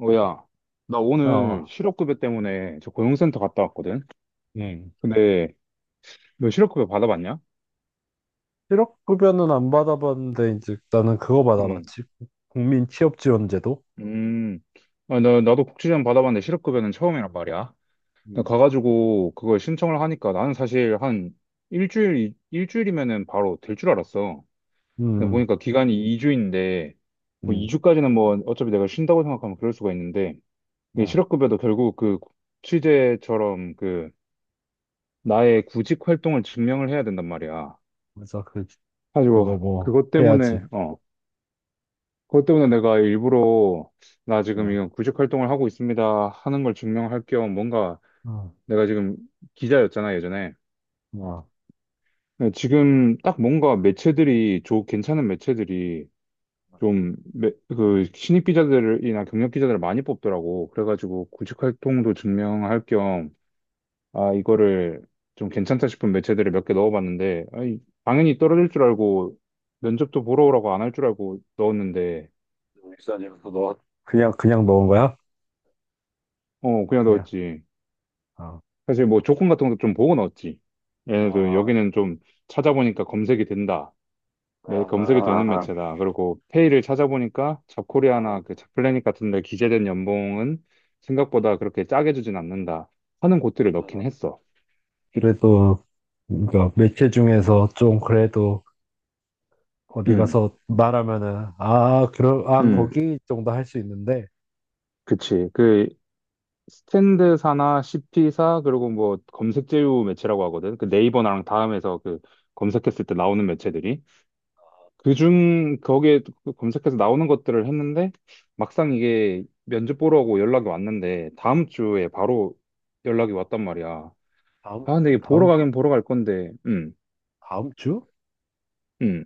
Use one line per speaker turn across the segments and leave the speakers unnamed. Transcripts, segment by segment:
어, 야, 나 오늘
어,
실업급여 때문에 저 고용센터 갔다 왔거든?
응.
근데 너 실업급여 받아봤냐?
실업급여는 안 받아봤는데, 이제 나는 그거
응.
받아봤지. 국민 취업지원제도?
음, 아, 나도 복지관 받아봤는데 실업급여는 처음이란 말이야. 나
음.
가가지고 그걸 신청을 하니까 나는 사실 한 일주일, 일주일이면은 바로 될 줄 알았어. 근데
음,
보니까 기간이 2주인데, 뭐
음,
2주까지는 뭐 어차피 내가 쉰다고 생각하면 그럴 수가 있는데, 이
어,
실업급여도 결국 그 취재처럼 그 나의 구직 활동을 증명을 해야 된단 말이야.
맞아. 그, 그거
가지고
뭐,
그것
해야지.
때문에 내가 일부러 나 지금
어,
이건 구직 활동을 하고 있습니다 하는 걸 증명할 겸 뭔가
어,
내가 지금 기자였잖아 예전에.
어.
근데 지금 딱 뭔가 매체들이 좋 괜찮은 매체들이 좀 그 신입 기자들이나 경력 기자들을 많이 뽑더라고. 그래가지고 구직 활동도 증명할 겸 아 이거를 좀 괜찮다 싶은 매체들을 몇 개 넣어봤는데, 아니, 당연히 떨어질 줄 알고 면접도 보러 오라고 안 할 줄 알고 넣었는데.
산에서 너, 그냥 넣은 거야?
어, 그냥
그냥.
넣었지.
어.
사실 뭐 조건 같은 것도 좀 보고 넣었지. 얘네도
아,
여기는 좀 찾아보니까 검색이 된다.
아,
네, 검색이 되는
아,
매체다. 그리고 페이를 찾아보니까
아, 아,
잡코리아나 그
아.
잡플래닛 같은 데 기재된 연봉은 생각보다 그렇게 짜게 주진 않는다 하는 곳들을 넣긴 했어.
그래도, 그러니까 매체 중에서 좀 그래도 어디
음,
가서 말하면은, 아, 그럼, 아,
음,
거기 정도 할 수 있는데,
그치. 그 스탠드사나 CP사 그리고 뭐 검색 제휴 매체라고 하거든. 그 네이버랑 다음에서 그 검색했을 때 나오는 매체들이. 그중 거기에 검색해서 나오는 것들을 했는데, 막상 이게 면접 보러 오고 연락이 왔는데, 다음 주에 바로 연락이 왔단 말이야.
다음,
아, 근데 이게 보러
다음
가긴 보러 갈 건데,
다음 주?
음,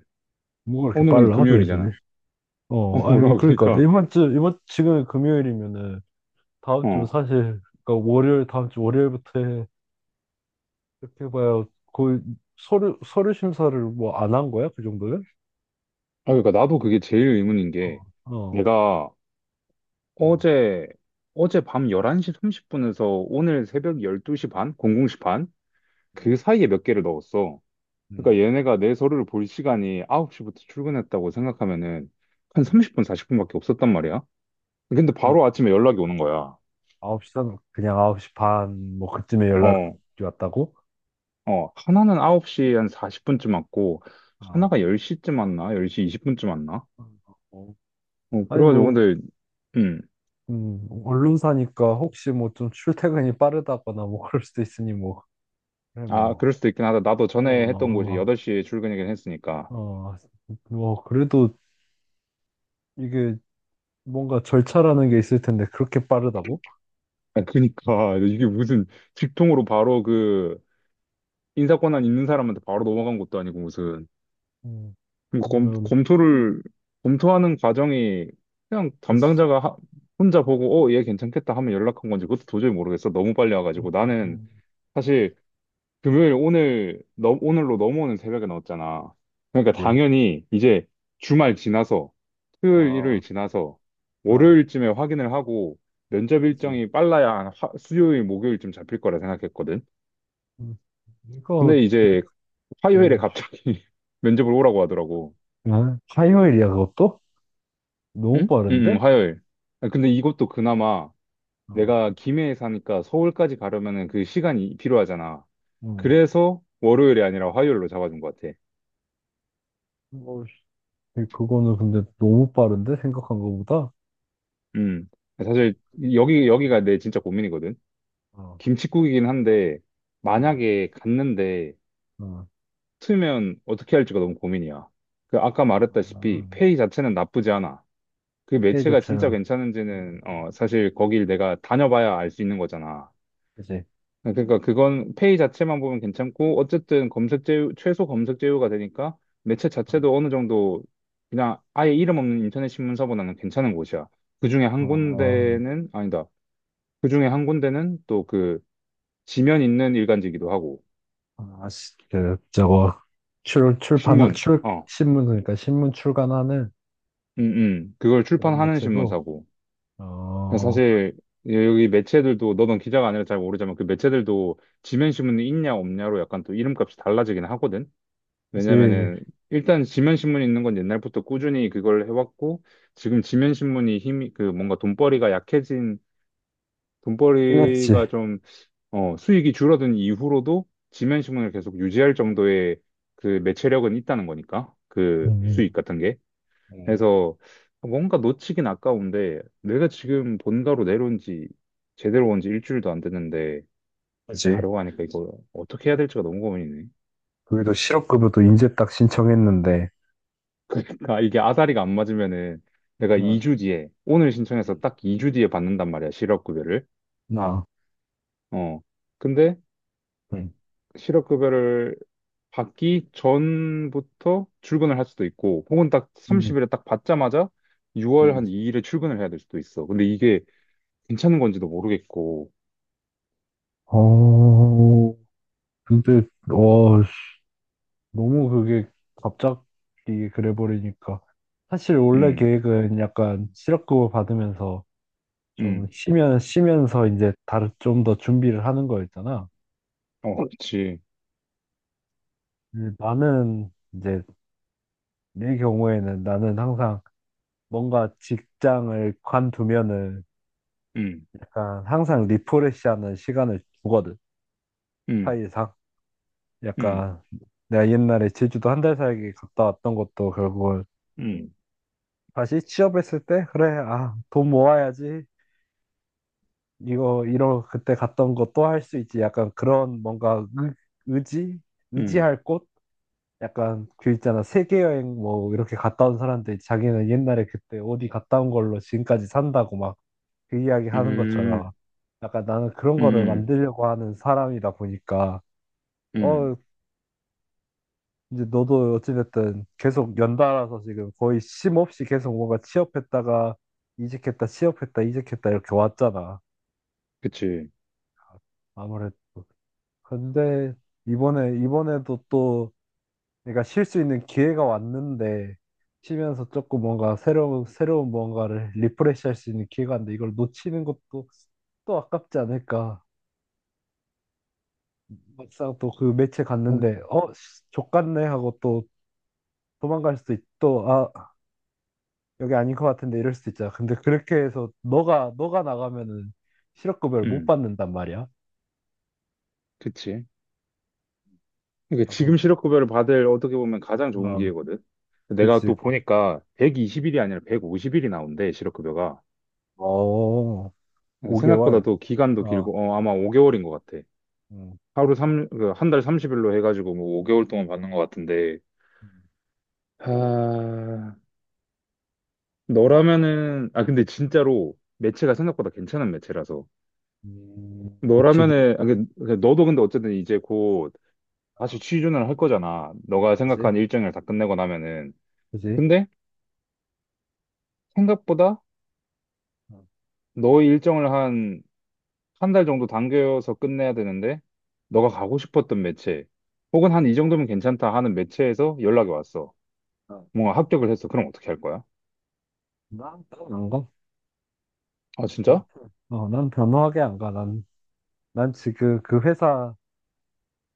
뭐가 이렇게
오늘은
빨라, 매주?
금요일이잖아. 어,
어,
몰라,
아니, 그러니까,
그러니까,
이번 주, 이번, 지금 금요일이면은, 다음 주
어.
사실, 그러니까 월요일, 다음 주 월요일부터 해. 이렇게 봐야 거의 서류 심사를 뭐 안 한 거야? 그 정도면?
아, 그러니까 나도 그게 제일 의문인 게,
어, 어.
내가
음,
어제, 어제 밤 11시 30분에서 오늘 새벽 12시 반? 00시 반? 그
음,
사이에 몇 개를 넣었어.
음,
그러니까 얘네가 내 서류를 볼 시간이 9시부터 출근했다고 생각하면은 한 30분, 40분밖에 없었단 말이야. 근데
음.
바로 아침에 연락이 오는 거야.
아홉 시 반, 그냥 9시 반, 뭐, 그쯤에 연락이
어,
왔다고?
어. 하나는 9시 한 40분쯤 왔고,
아,
하나가 10시쯤 왔나? 10시 20분쯤 왔나?
어.
어,
아니,
그래가지고
뭐,
근데, 음.
언론사니까 혹시 뭐 좀 출퇴근이 빠르다거나 뭐 그럴 수도 있으니 뭐, 그래,
아,
뭐.
그럴 수도 있긴 하다. 나도
어,
전에 했던 곳이
어,
8시에 출근이긴 했으니까.
어, 뭐, 그래도 이게 뭔가 절차라는 게 있을 텐데, 그렇게 빠르다고?
아, 그니까. 이게 무슨 직통으로 바로 그 인사권한 있는 사람한테 바로 넘어간 것도 아니고 무슨.
음,
그럼
그러면,
검토하는 과정이 그냥
그치.
담당자가 혼자 보고, 어, 얘 괜찮겠다 하면 연락한 건지, 그것도 도저히 모르겠어. 너무 빨리
음,
와가지고. 나는
음,
사실 금요일 오늘, 너, 오늘로 넘어오는 새벽에 넣었잖아. 그러니까
그치.
당연히 이제 주말 지나서, 토요일, 일요일
아,
지나서,
아,
월요일쯤에 확인을 하고, 면접
그치.
일정이 빨라야 한 화- 수요일, 목요일쯤 잡힐 거라 생각했거든.
음, 이거,
근데 이제 화요일에
오, 씨.
갑자기 면접을 오라고 하더라고.
아, 화요일이야, 그것도? 너무
응? 응,
빠른데?
응, 화요일. 아, 근데 이것도 그나마
어,
내가 김해에 사니까 서울까지 가려면은 그 시간이 필요하잖아.
음,
그래서 월요일이 아니라 화요일로 잡아준 것 같아.
뭐, 씨. 그거는 근데 너무 빠른데? 생각한 거보다?
음. 사실 여기가 내 진짜 고민이거든.
어,
김칫국이긴 한데
어,
만약에 갔는데
어.
틀면 어떻게 할지가 너무 고민이야. 그 아까
아,
말했다시피 페이 자체는 나쁘지 않아. 그
피해자
매체가 진짜
차량.
괜찮은지는 어 사실 거길 내가 다녀봐야 알 수 있는 거잖아.
그치.
네, 그러니까 그건 페이 자체만 보면 괜찮고, 어쨌든 검색 제휴 최소 검색 제휴가 되니까 매체 자체도 어느 정도 그냥 아예 이름 없는 인터넷 신문사보다는 괜찮은 곳이야. 그중에 한
어,
군데는 아니다. 그중에 한 군데는 또 그 지면 있는 일간지기도 하고.
아, 씨, 그, 저거, 출, 출판,
신문
출,
어
신문, 그러니까 신문 출간하는
그걸
그런
출판하는
매체고,
신문사고.
어,
사실 여기 매체들도, 너는 기자가 아니라 잘 모르지만, 그 매체들도 지면 신문이 있냐 없냐로 약간 또 이름값이 달라지긴 하거든.
그지,
왜냐면은 일단 지면신문이 있는 건 옛날부터 꾸준히 그걸 해왔고, 지금 지면신문이 힘이 그 뭔가 돈벌이가
끝냈지.
좀 어, 수익이 줄어든 이후로도 지면신문을 계속 유지할 정도의 그 매체력은 있다는 거니까 그 수익
음,
같은 게.
음,
그래서 뭔가 놓치긴 아까운데, 내가 지금 본가로 내려온 지 제대로 온지 일주일도 안 됐는데
그지.
가려고 하니까 이거 어떻게 해야 될지가 너무 고민이네.
거기도 실업급여도 이제 딱 신청했는데,
그러니까 이게 아다리가 안 맞으면은, 내가
응,
2주 뒤에 오늘 신청해서
응,
딱 2주 뒤에 받는단 말이야 실업급여를.
나,
어 근데
응,
실업급여를 받기 전부터 출근을 할 수도 있고, 혹은 딱
응,
30일에 딱 받자마자 6월
응.
한 2일에 출근을 해야 될 수도 있어. 근데 이게 괜찮은 건지도 모르겠고.
어, 근데, 와, 씨, 너무 그게 갑자기 그래 버리니까. 사실 원래
음음어.
계획은 약간 실업급여 받으면서 좀 쉬면 쉬면서 이제 다른 좀 더 준비를 하는 거 있잖아.
그렇지.
근데 나는 이제 내 경우에는 나는 항상 뭔가 직장을 관두면은 약간 항상 리프레시하는 시간을 주거든. 사이상
음음음음음음음음. 그치.
약간 내가 옛날에 제주도 한 달 살기 갔다 왔던 것도 결국은
음,
다시 취업했을 때 그래 아 돈 모아야지 이거 이러 그때 갔던 거 또 할 수 있지 약간 그런 뭔가 의, 의지
음.
의지할 곳 약간 그 있잖아 세계 여행 뭐 이렇게 갔다 온 사람들이 자기는 옛날에 그때 어디 갔다 온 걸로 지금까지 산다고 막 그 이야기
음,
하는 것처럼
음,
약간 나는 그런 거를
음,
만들려고 하는 사람이다 보니까
음.
어 이제 너도 어찌됐든 계속 연달아서 지금 거의 쉼 없이 계속 뭔가 취업했다가 이직했다 취업했다 이직했다 이렇게 왔잖아 아무래도 근데 이번에 이번에도 또 내가 쉴 수 있는 기회가 왔는데 쉬면서 조금 뭔가 새로운 뭔가를 리프레시 할 수 있는 기회가 왔는데 이걸 놓치는 것도 또 아깝지 않을까. 막상 또 그 매체 갔는데 어 족같네 하고 또 도망갈 수도 있고 아 여기 아닌 것 같은데 이럴 수도 있잖아. 근데 그렇게 해서 너가 나가면은 실업급여를 못 받는단 말이야.
그치. 이게
어,
지금 실업 급여를 받을, 어떻게 보면 가장 좋은
어,
기회거든. 내가
그치.
또 보니까 120일이 아니라 150일이 나온대, 실업 급여가.
어,
생각보다
5개월.
또 기간도
어,
길고, 어, 아마 5개월인
음,
것 같아.
음,
하루 삼 한달 30일로 해가지고 뭐 5개월 동안 받는 것 같은데.
음,
아, 너라면은, 아 근데 진짜로 매체가 생각보다 괜찮은 매체라서
놓치기.
너라면은, 그 너도 근데 어쨌든 이제 곧 다시
어,
취준을 할 거잖아, 너가
그치?
생각한 일정을 다 끝내고 나면은.
그지?
근데 생각보다
어,
너의 일정을 한 한 달 정도 당겨서 끝내야 되는데 너가 가고 싶었던 매체 혹은 한 이 정도면 괜찮다 하는 매체에서 연락이 왔어.
어.
뭔가 합격을 했어. 그럼 어떻게 할 거야?
난난안 가.
아,
난,
진짜?
어, 난 단호하게 안 가. 난, 난 지금 그 그 회사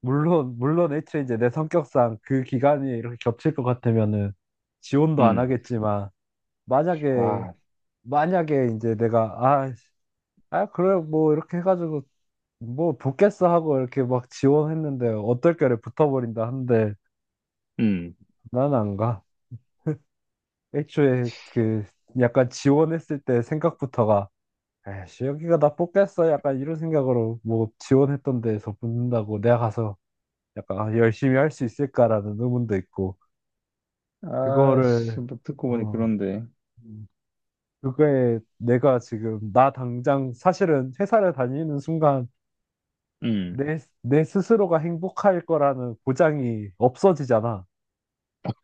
물론 애초에 이제 내 성격상 그 기간이 이렇게 겹칠 것 같으면은 지원도 안
음.
하겠지만 만약에
아,
이제 내가 아, 씨, 아 그래 뭐 이렇게 해가지고 뭐 붙겠어 하고 이렇게 막 지원했는데 어떨결에 붙어버린다 한데
음.
난 안 가. 애초에 그 약간 지원했을 때 생각부터가 에이씨, 여기가 나 뽑겠어. 약간 이런 생각으로 뭐 지원했던 데에서 붙는다고 내가 가서 약간 아, 열심히 할 수 있을까라는 의문도 있고,
아, 씨,
그거를,
뭐 듣고 보니
어,
그런데.
음, 그거에 내가 지금 나 당장 사실은 회사를 다니는 순간
음.
내, 내 스스로가 행복할 거라는 보장이 없어지잖아.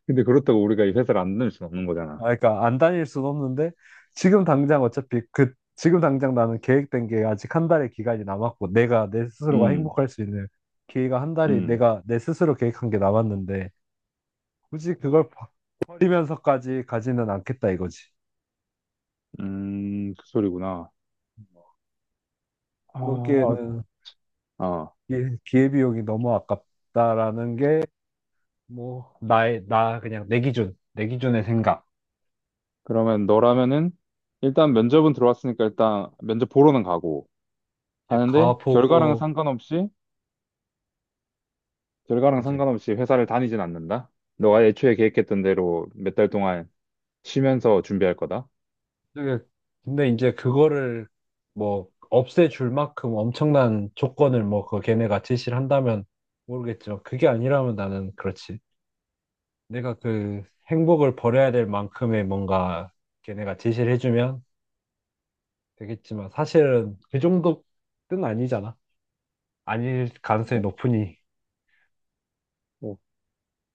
근데 그렇다고 우리가 이 회사를 안 다닐 수는 없는
아,
거잖아.
그러니까 안 다닐 순 없는데 지금 당장 어차피 그 지금 당장 나는 계획된 게 아직 한 달의 기간이 남았고 내가 내 스스로가
음.
행복할 수 있는 기회가 한 달이
음.
내가 내 스스로 계획한 게 남았는데 굳이 그걸 버- 버리면서까지 가지는 않겠다 이거지.
음. 그 소리구나. 아, 어,
그렇기에는
어.
기- 기회비용이 너무 아깝다라는 게 뭐 나의 나 그냥 내 기준 내 기준의 생각.
그러면 너라면은 일단 면접은 들어왔으니까 일단 면접 보러는 가고,
이제
가는데 결과랑은
가보고
상관없이, 결과랑
그제
상관없이 회사를 다니진 않는다? 너가 애초에 계획했던 대로 몇 달 동안 쉬면서 준비할 거다?
되게- 근데 이제 그거를 뭐 없애줄 만큼 엄청난 조건을 뭐 그 걔네가 제시를 한다면 모르겠지만 그게 아니라면 나는 그렇지. 내가 그 행복을 버려야 될 만큼의 뭔가 걔네가 제시를 해주면 되겠지만 사실은 그 정도 뜻은 아니잖아. 아닐 가능성이
어,
높으니.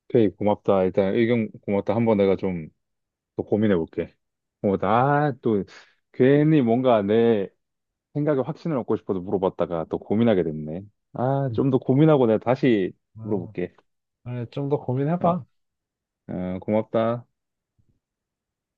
오케이, 고맙다. 일단 의견 고맙다. 한번 내가 좀 더 고민해 볼게. 어, 나 또 괜히 뭔가 내 생각에 확신을 얻고 싶어서 물어봤다가 또 고민하게 됐네. 아,
음.
좀 더 고민하고 내가 다시 물어볼게.
아, 좀더
어,
고민해봐.
어, 고맙다.